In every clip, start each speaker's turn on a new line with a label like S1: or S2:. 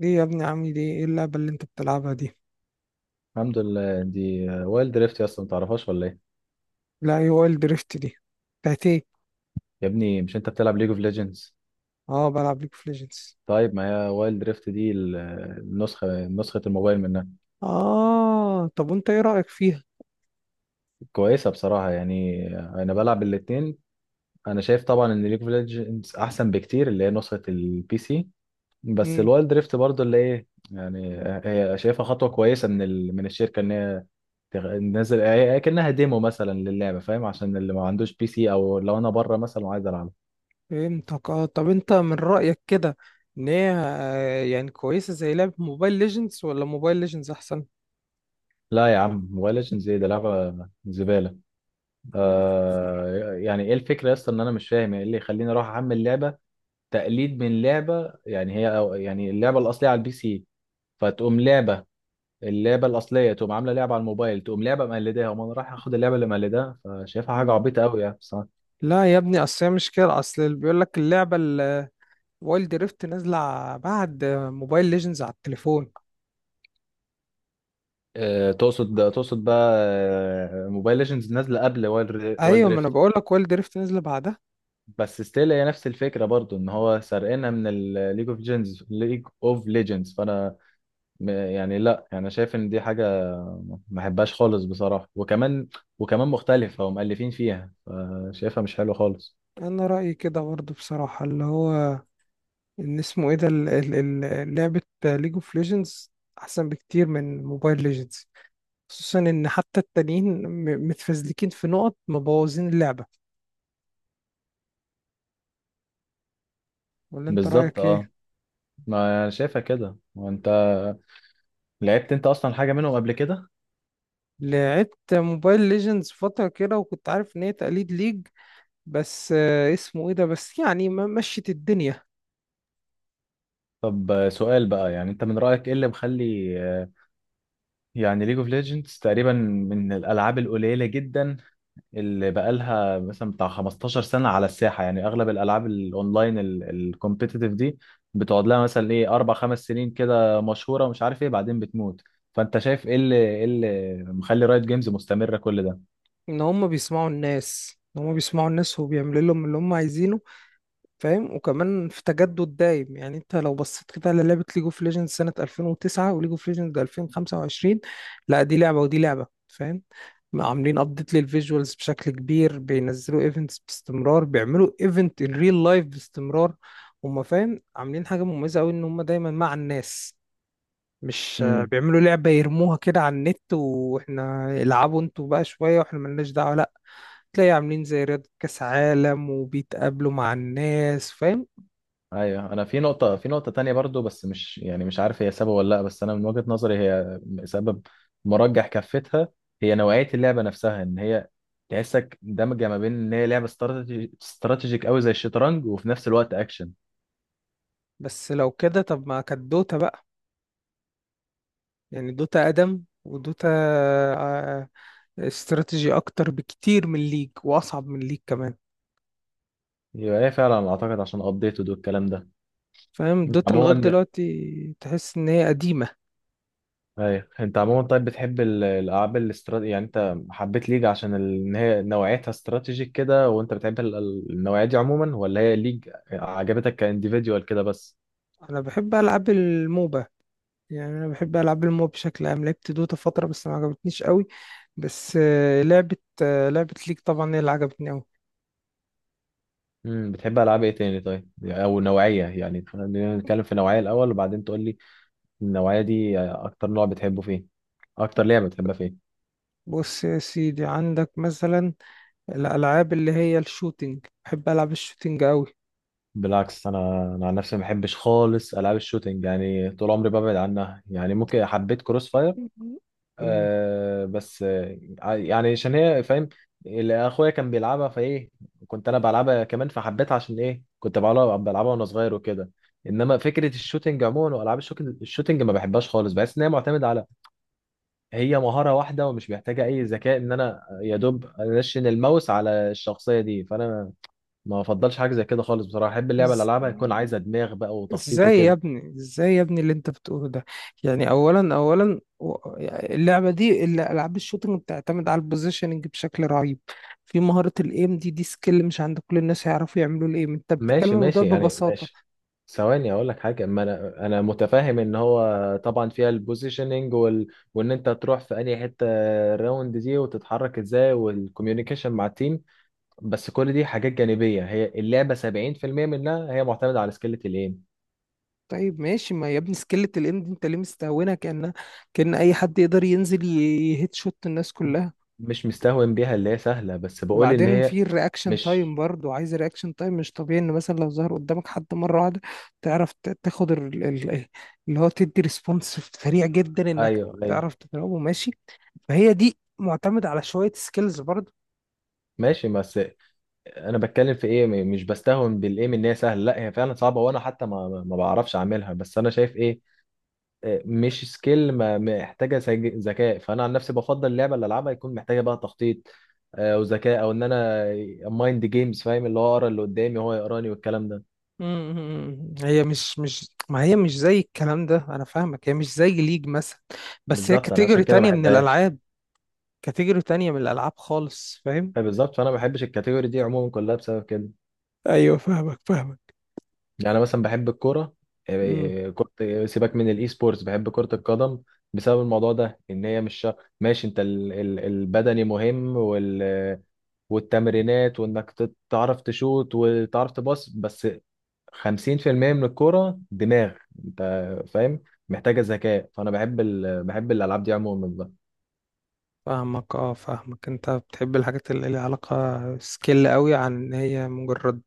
S1: ليه يا ابني؟ عامل ايه اللعبة اللي انت بتلعبها دي؟
S2: الحمد لله، دي وايلد دريفت يا اسطى، ما تعرفهاش ولا ايه؟
S1: لا، ايه هو دريفت دي؟ بتاعت ايه؟
S2: يا ابني مش انت بتلعب ليج اوف ليجندز؟
S1: اه، بلعب ليج اوف ليجندز.
S2: طيب، ما هي وايلد دريفت دي نسخه الموبايل منها.
S1: اه، طب وانت ايه رأيك فيها؟
S2: كويسه بصراحه، يعني انا بلعب الاتنين. انا شايف طبعا ان ليج اوف ليجندز احسن بكتير، اللي هي نسخه البي سي. بس
S1: امم.
S2: الوايلد دريفت برضو اللي ايه يعني، هي شايفها خطوه كويسه من الشركه ان هي تنزل، هي كأنها ديمو مثلا للعبه، فاهم؟ عشان اللي ما عندوش بي سي، او لو انا بره مثلا وعايز العب.
S1: فهمتك. اه، طب انت من رأيك كده ان هي، يعني كويسة زي لعبة موبايل ليجندز، ولا موبايل ليجندز احسن؟
S2: لا يا عم، موبايل ليجندز ايه ده؟ لعبه زباله. آه، يعني ايه الفكره يا اسطى؟ ان انا مش فاهم يعني ايه اللي يخليني اروح احمل لعبه تقليد من لعبه، يعني هي، أو يعني اللعبه الاصليه على البي سي فتقوم لعبه، اللعبه الاصليه تقوم عامله لعبه على الموبايل، تقوم لعبه مقلداها، وما انا رايح اخد اللعبه اللي مقلداها، فشايفها حاجه عبيطه قوي يعني بصراحه.
S1: لا يا ابني، اصل هي مش كده، اصل اللي بيقول لك اللعبة الوايلد دريفت نازلة بعد موبايل ليجندز على التليفون.
S2: آه، تقصد بقى، موبايل ليجندز نازله قبل وايلد
S1: ايوه، ما انا
S2: دريفت.
S1: بقول لك وايلد دريفت نازلة بعدها.
S2: بس ستيل هي نفس الفكره برضو، ان هو سرقنا من الليج اوف ليجندز، فانا يعني لا، يعني انا شايف ان دي حاجه ما احبهاش خالص بصراحه، وكمان مختلفه ومؤلفين فيها، شايفها مش حلوه خالص.
S1: انا رأيي كده برضه بصراحة، اللي هو ان اسمه ايه ده، لعبة ليج اوف ليجندز احسن بكتير من موبايل ليجندز. خصوصا ان حتى التانيين متفزلكين في نقط، مبوظين اللعبة. ولا انت
S2: بالظبط،
S1: رأيك
S2: اه.
S1: ايه؟
S2: ما انا شايفها كده. وانت لعبت انت اصلا حاجه منهم قبل كده؟
S1: لعبت موبايل ليجندز فترة كده، وكنت عارف ان هي تقليد ليج، بس اسمه ايه ده بس، يعني ما مشت الدنيا.
S2: طب، سؤال بقى، يعني انت من رايك، ايه اللي مخلي يعني ليج اوف ليجندز تقريبا من الالعاب القليله جدا اللي بقالها مثلا بتاع 15 سنة على الساحة. يعني أغلب الألعاب الأونلاين الكومبيتيتيف دي بتقعد لها مثلا إيه، أربع خمس سنين كده مشهورة، ومش عارف إيه، بعدين بتموت. فأنت شايف إيه اللي مخلي رايت جيمز مستمرة كل ده؟
S1: ان هم بيسمعوا الناس، ان هم بيسمعوا الناس وبيعملوا لهم اللي هم عايزينه، فاهم؟ وكمان في تجدد دايم، يعني انت لو بصيت كده على لعبة ليج اوف ليجندز سنة 2009 وليج اوف ليجندز 2025، لا، دي لعبة ودي لعبة، فاهم؟ عاملين ابديت للفيجوالز بشكل كبير، بينزلوا ايفنتس باستمرار، بيعملوا ايفنت ان ريل لايف باستمرار. هما فاهم عاملين حاجة مميزة قوي، ان هما دايما مع الناس. مش
S2: امم،
S1: بيعملوا لعبة يرموها كده على النت واحنا العبوا انتوا بقى شوية واحنا ملناش دعوة، لا. تلاقي عاملين زي رياضة كأس عالم وبيتقابلوا مع الناس، فاهم؟
S2: أيوه، أنا في نقطة تانية برضو، بس مش، يعني مش عارف هي سبب ولا لأ، بس أنا من وجهة نظري هي سبب مرجح كفتها. هي نوعية اللعبة نفسها، إن هي تحسك دمجة ما بين إن هي لعبة استراتيجيك قوي زي الشطرنج، وفي نفس الوقت أكشن.
S1: بس لو كده طب ما كانت دوتا بقى؟ يعني دوتا أقدم، ودوتا آه، استراتيجي أكتر بكتير من ليج، وأصعب من ليج كمان.
S2: يبقى ايه فعلا؟ اعتقد عشان ابديت ودو الكلام ده.
S1: فاهم؟
S2: انت
S1: دوتا لغاية
S2: عموما،
S1: دلوقتي تحس إن هي قديمة.
S2: ايوه، انت عموما طيب بتحب الالعاب الاستراتيجي؟ يعني انت حبيت ليج عشان ان هي نوعيتها استراتيجيك كده، وانت بتحب النوعيه دي عموما، ولا هي ليج عجبتك كانديفيديوال كده بس؟
S1: أنا بحب ألعاب الموبا، يعني أنا بحب ألعاب الموبا بشكل عام. لعبت دوتا فترة بس ما عجبتنيش قوي. بس لعبة ليج طبعا هي اللي عجبتني قوي.
S2: بتحب العاب ايه تاني طيب، او نوعيه، يعني خلينا نتكلم في نوعيه الاول وبعدين تقول لي النوعيه دي اكتر نوع بتحبه فين، اكتر لعبه بتحبها فين.
S1: بص يا سيدي، عندك مثلا الألعاب اللي هي الشوتينج، بحب ألعب الشوتينج قوي.
S2: بالعكس، انا عن نفسي ما بحبش خالص العاب الشوتينج، يعني طول عمري ببعد عنها، يعني ممكن حبيت كروس فاير آه، بس يعني عشان هي فاهم، اللي اخويا كان بيلعبها، فايه كنت انا بلعبها كمان فحبيتها عشان ايه، كنت بلعبها وانا صغير وكده. انما فكره الشوتينج عموما، والعاب الشوتينج ما بحبهاش خالص، بحس ان هي معتمده على هي مهاره واحده ومش محتاجه اي ذكاء، ان انا يا دوب انشن الماوس على الشخصيه دي، فانا ما بفضلش حاجه زي كده خالص بصراحه، احب اللعبه اللي
S1: إز-
S2: العبها يكون عايزه دماغ بقى، وتخطيط
S1: ازاي يا
S2: وكده.
S1: ابني ازاي يا ابني اللي انت بتقوله ده؟ يعني اولا، العاب الشوتنج بتعتمد على البوزيشننج بشكل رهيب. في مهاره الايم، دي دي سكيل مش عند كل الناس يعرفوا يعملوا الايم. انت بتتكلم
S2: ماشي،
S1: عن الموضوع
S2: ماشي، يعني
S1: ببساطه.
S2: ماشي. ثواني اقول لك حاجه، ما انا متفاهم ان هو طبعا فيها البوزيشننج وان انت تروح في اي حته الراوند دي، وتتحرك ازاي، والكوميونيكيشن مع التيم. بس كل دي حاجات جانبيه، هي اللعبه 70% منها هي معتمده على سكيلة الايم.
S1: طيب، ماشي، ما يا ابني سكيلة الايم دي انت ليه مستهونها؟ كأن اي حد يقدر ينزل يهيت شوت الناس كلها.
S2: مش مستهون بيها اللي هي سهله، بس بقول ان
S1: وبعدين
S2: هي
S1: في الرياكشن
S2: مش
S1: تايم برضو، عايز رياكشن تايم مش طبيعي، ان مثلا لو ظهر قدامك حد مره واحده تعرف تاخد اللي هو تدي ريسبونس سريع جدا انك
S2: ايوه، ايوه،
S1: تعرف تضربه، ماشي؟ فهي دي معتمده على شويه سكيلز برضو.
S2: ماشي. بس انا بتكلم في ايه، مش بستهون بالايم ان هي سهله، لا هي فعلا صعبه، وانا حتى ما بعرفش اعملها، بس انا شايف ايه، مش سكيل محتاجه ذكاء، فانا عن نفسي بفضل اللعبه اللي العبها يكون محتاجه بقى تخطيط وذكاء، او ان انا مايند جيمز، فاهم؟ اللي هو اقرا اللي قدامي وهو يقراني والكلام ده.
S1: هي مش ما هي مش زي الكلام ده، انا فاهمك، هي مش زي ليج مثلا، بس هي
S2: بالظبط، انا عشان
S1: كاتيجوري
S2: كده ما
S1: تانية من
S2: بحبهاش.
S1: الالعاب، كاتيجوري تانية من الالعاب خالص، فاهم؟
S2: بالظبط، فانا ما بحبش الكاتيجوري دي عموما كلها بسبب كده.
S1: ايوه فاهمك، فاهمك،
S2: يعني مثلا بحب الكوره، آه، آه، كرة آه، سيبك من الاي سبورتس، بحب كرة القدم بسبب الموضوع ده، ان هي مش ماشي، انت البدني مهم والتمرينات، وانك تعرف تشوت وتعرف تباص، بس 50% من الكورة دماغ. انت فاهم؟ محتاجة ذكاء. فانا بحب الالعاب دي عموما بقى.
S1: فاهمك، اه فاهمك. انت بتحب الحاجات اللي ليها علاقة سكيل قوي عن ان هي مجرد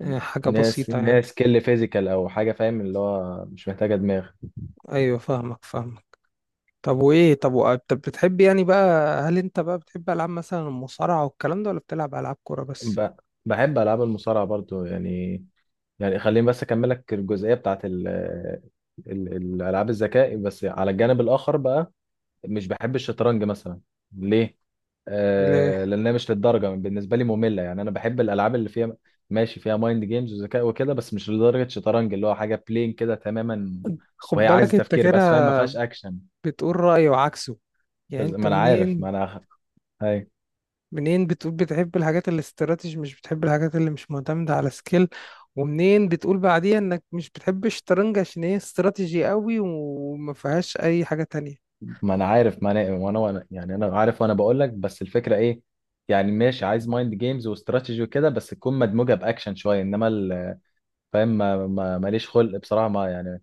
S1: حاجة
S2: ناس
S1: بسيطة
S2: ناس
S1: يعني.
S2: سكيل فيزيكال او حاجة، فاهم؟ اللي هو مش محتاجة دماغ.
S1: ايوه فاهمك، فاهمك. طب وايه؟ طب بتحب يعني بقى، هل انت بقى بتحب العاب مثلا المصارعة والكلام ده، ولا بتلعب العاب كورة بس؟
S2: ب... بحب العاب المصارعة برضو، يعني. يعني خليني بس اكملك الجزئية بتاعت الالعاب الذكاء، بس على الجانب الاخر بقى، مش بحب الشطرنج مثلا. ليه؟
S1: ليه؟
S2: لأنها مش للدرجة، بالنسبة لي مملة. يعني أنا بحب الألعاب اللي فيها ماشي فيها مايند جيمز وذكاء وكده، بس مش لدرجة شطرنج اللي هو حاجة بلين كده تماما،
S1: خد
S2: وهي عايزة
S1: بالك انت
S2: تفكير
S1: كده
S2: بس، فاهم؟ ما فيهاش أكشن.
S1: بتقول رأي وعكسه. يعني
S2: بس
S1: انت
S2: ما أنا عارف، ما
S1: منين
S2: أنا هاي،
S1: منين بتقول بتحب الحاجات الاستراتيجي مش بتحب الحاجات اللي مش معتمدة على سكيل، ومنين بتقول بعديها انك مش بتحب الشطرنج عشان هي استراتيجي قوي وما فيهاش اي حاجة تانية؟
S2: ما أنا عارف، ما أنا يعني أنا عارف، وأنا بقول لك، بس الفكرة إيه؟ يعني ماشي، عايز مايند جيمز واستراتيجي وكده، بس تكون مدموجة بأكشن شوية، إنما فاهم؟ ماليش خلق بصراحة، ما يعني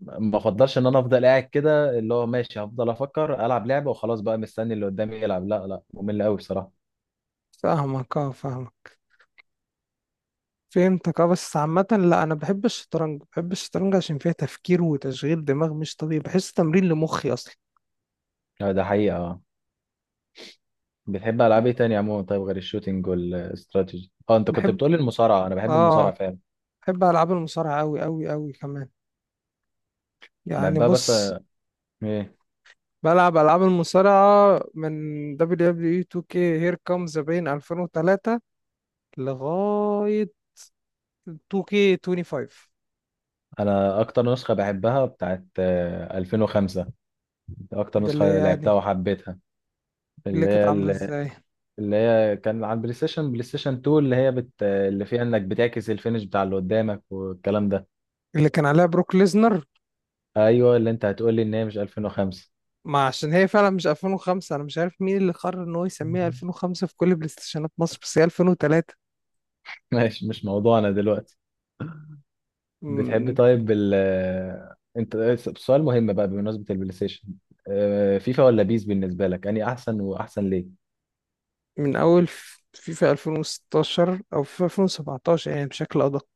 S2: ما افضلش ان انا افضل قاعد كده، اللي هو ماشي هفضل افكر، العب لعبه وخلاص بقى مستني اللي قدامي يلعب؟ لا، لا، ممل قوي بصراحه.
S1: فاهمك، اه فاهمك، فهمتك، اه بس عامة، لا انا بحب الشطرنج، بحب الشطرنج عشان فيها تفكير وتشغيل دماغ مش طبيعي، بحس تمرين لمخي اصلا.
S2: آه، ده حقيقه. بتحب العاب ايه تاني عموما طيب، غير الشوتينج والاستراتيجي؟ اه، انت كنت
S1: بحب،
S2: بتقولي المصارعه، انا بحب
S1: اه،
S2: المصارعه فعلا،
S1: بحب العاب المصارعة قوي قوي قوي كمان. يعني
S2: بحبها بس
S1: بص،
S2: ايه،
S1: بلعب العاب المصارعة من WWE 2K، Here Comes the Pain 2003، لغاية 2K25.
S2: انا اكتر نسخه بحبها بتاعت 2005، اكتر
S1: ده اللي هي
S2: نسخه لعبتها
S1: يعني
S2: وحبيتها.
S1: اللي
S2: اللي
S1: كانت عاملة
S2: هي
S1: ازاي،
S2: اللي هي كان على البلاي ستيشن بلاي ستيشن 2 اللي هي اللي فيها انك بتعكس الفينش بتاع اللي قدامك والكلام ده.
S1: اللي كان عليها بروك ليزنر.
S2: ايوه، اللي انت هتقولي ان هي مش 2005.
S1: ما عشان هي فعلا مش 2005، انا مش عارف مين اللي قرر ان هو يسميها 2005 في كل بلاي ستيشنات مصر، بس هي 2003.
S2: ماشي، مش موضوعنا دلوقتي. بتحب
S1: م-
S2: طيب ال انت سؤال مهم بقى بمناسبة البلاي ستيشن. فيفا ولا بيس بالنسبة لك، اني احسن؟ واحسن ليه؟
S1: من اول فيفا 2016 او فيفا 2017 يعني بشكل ادق.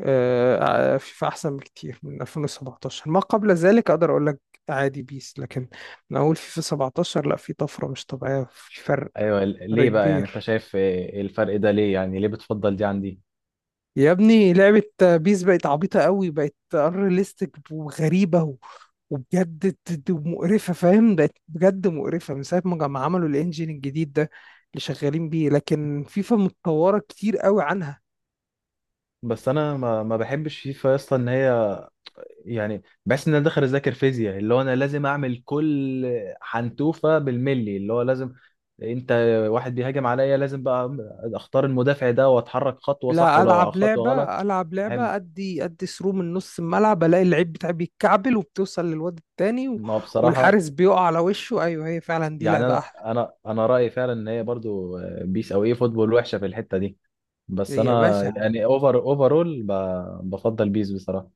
S1: فيفا احسن بكتير من 2017. ما قبل ذلك اقدر اقول لك عادي بيس. لكن من اول فيفا 17، لا، في طفرة مش طبيعية، في فرق،
S2: ايوه،
S1: فرق
S2: ليه بقى؟ يعني انت
S1: كبير.
S2: شايف الفرق ده ليه؟ يعني ليه بتفضل دي عن دي؟
S1: يا ابني لعبة بيس بقت عبيطة قوي، بقت unrealistic وغريبة وبجد مقرفة، فاهم؟ بقت بجد مقرفة من ساعة ما عملوا الانجين الجديد ده اللي شغالين بيه. لكن فيفا متطورة كتير قوي عنها.
S2: بس انا ما بحبش فيفا يا اسطى، ان هي، يعني بحس ان انا داخل اذاكر فيزياء، اللي هو انا لازم اعمل كل حنتوفة بالملي، اللي هو لازم. انت، واحد بيهاجم عليا لازم بقى اختار المدافع ده، واتحرك خطوة صح،
S1: لا،
S2: ولو
S1: ألعب
S2: خطوة
S1: لعبة،
S2: غلط. بحب
S1: أدي ثرو من نص الملعب ألاقي اللعيب بتاعي بيتكعبل، وبتوصل للواد التاني
S2: ما هو بصراحة،
S1: والحارس بيقع على وشه. أيوه، هي فعلا دي
S2: يعني
S1: لعبة
S2: أنا
S1: أحلى.
S2: أنا أنا رأيي فعلا إن هي برضو بيس أو إيه فوتبول وحشة في الحتة دي، بس
S1: يا
S2: أنا
S1: باشا،
S2: يعني أوفرول بفضل بيس بصراحة.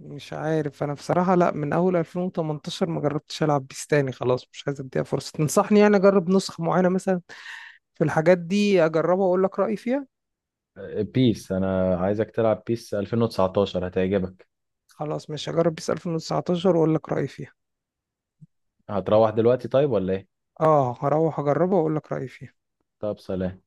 S1: مش عارف انا بصراحة، لا من اول 2018 ما جربتش العب بيس تاني، خلاص، مش عايز اديها فرصة. تنصحني يعني اجرب نسخة معينة مثلا في الحاجات دي اجربها واقول لك رأيي فيها؟
S2: بيس أنا عايزك تلعب بيس 2019 هتعجبك.
S1: خلاص، مش هجرب بيس 2019 واقول لك رأيي فيها.
S2: هتروح دلوقتي طيب، ولا إيه؟
S1: اه، هروح اجربها واقول لك رأيي فيها.
S2: طب، سلام.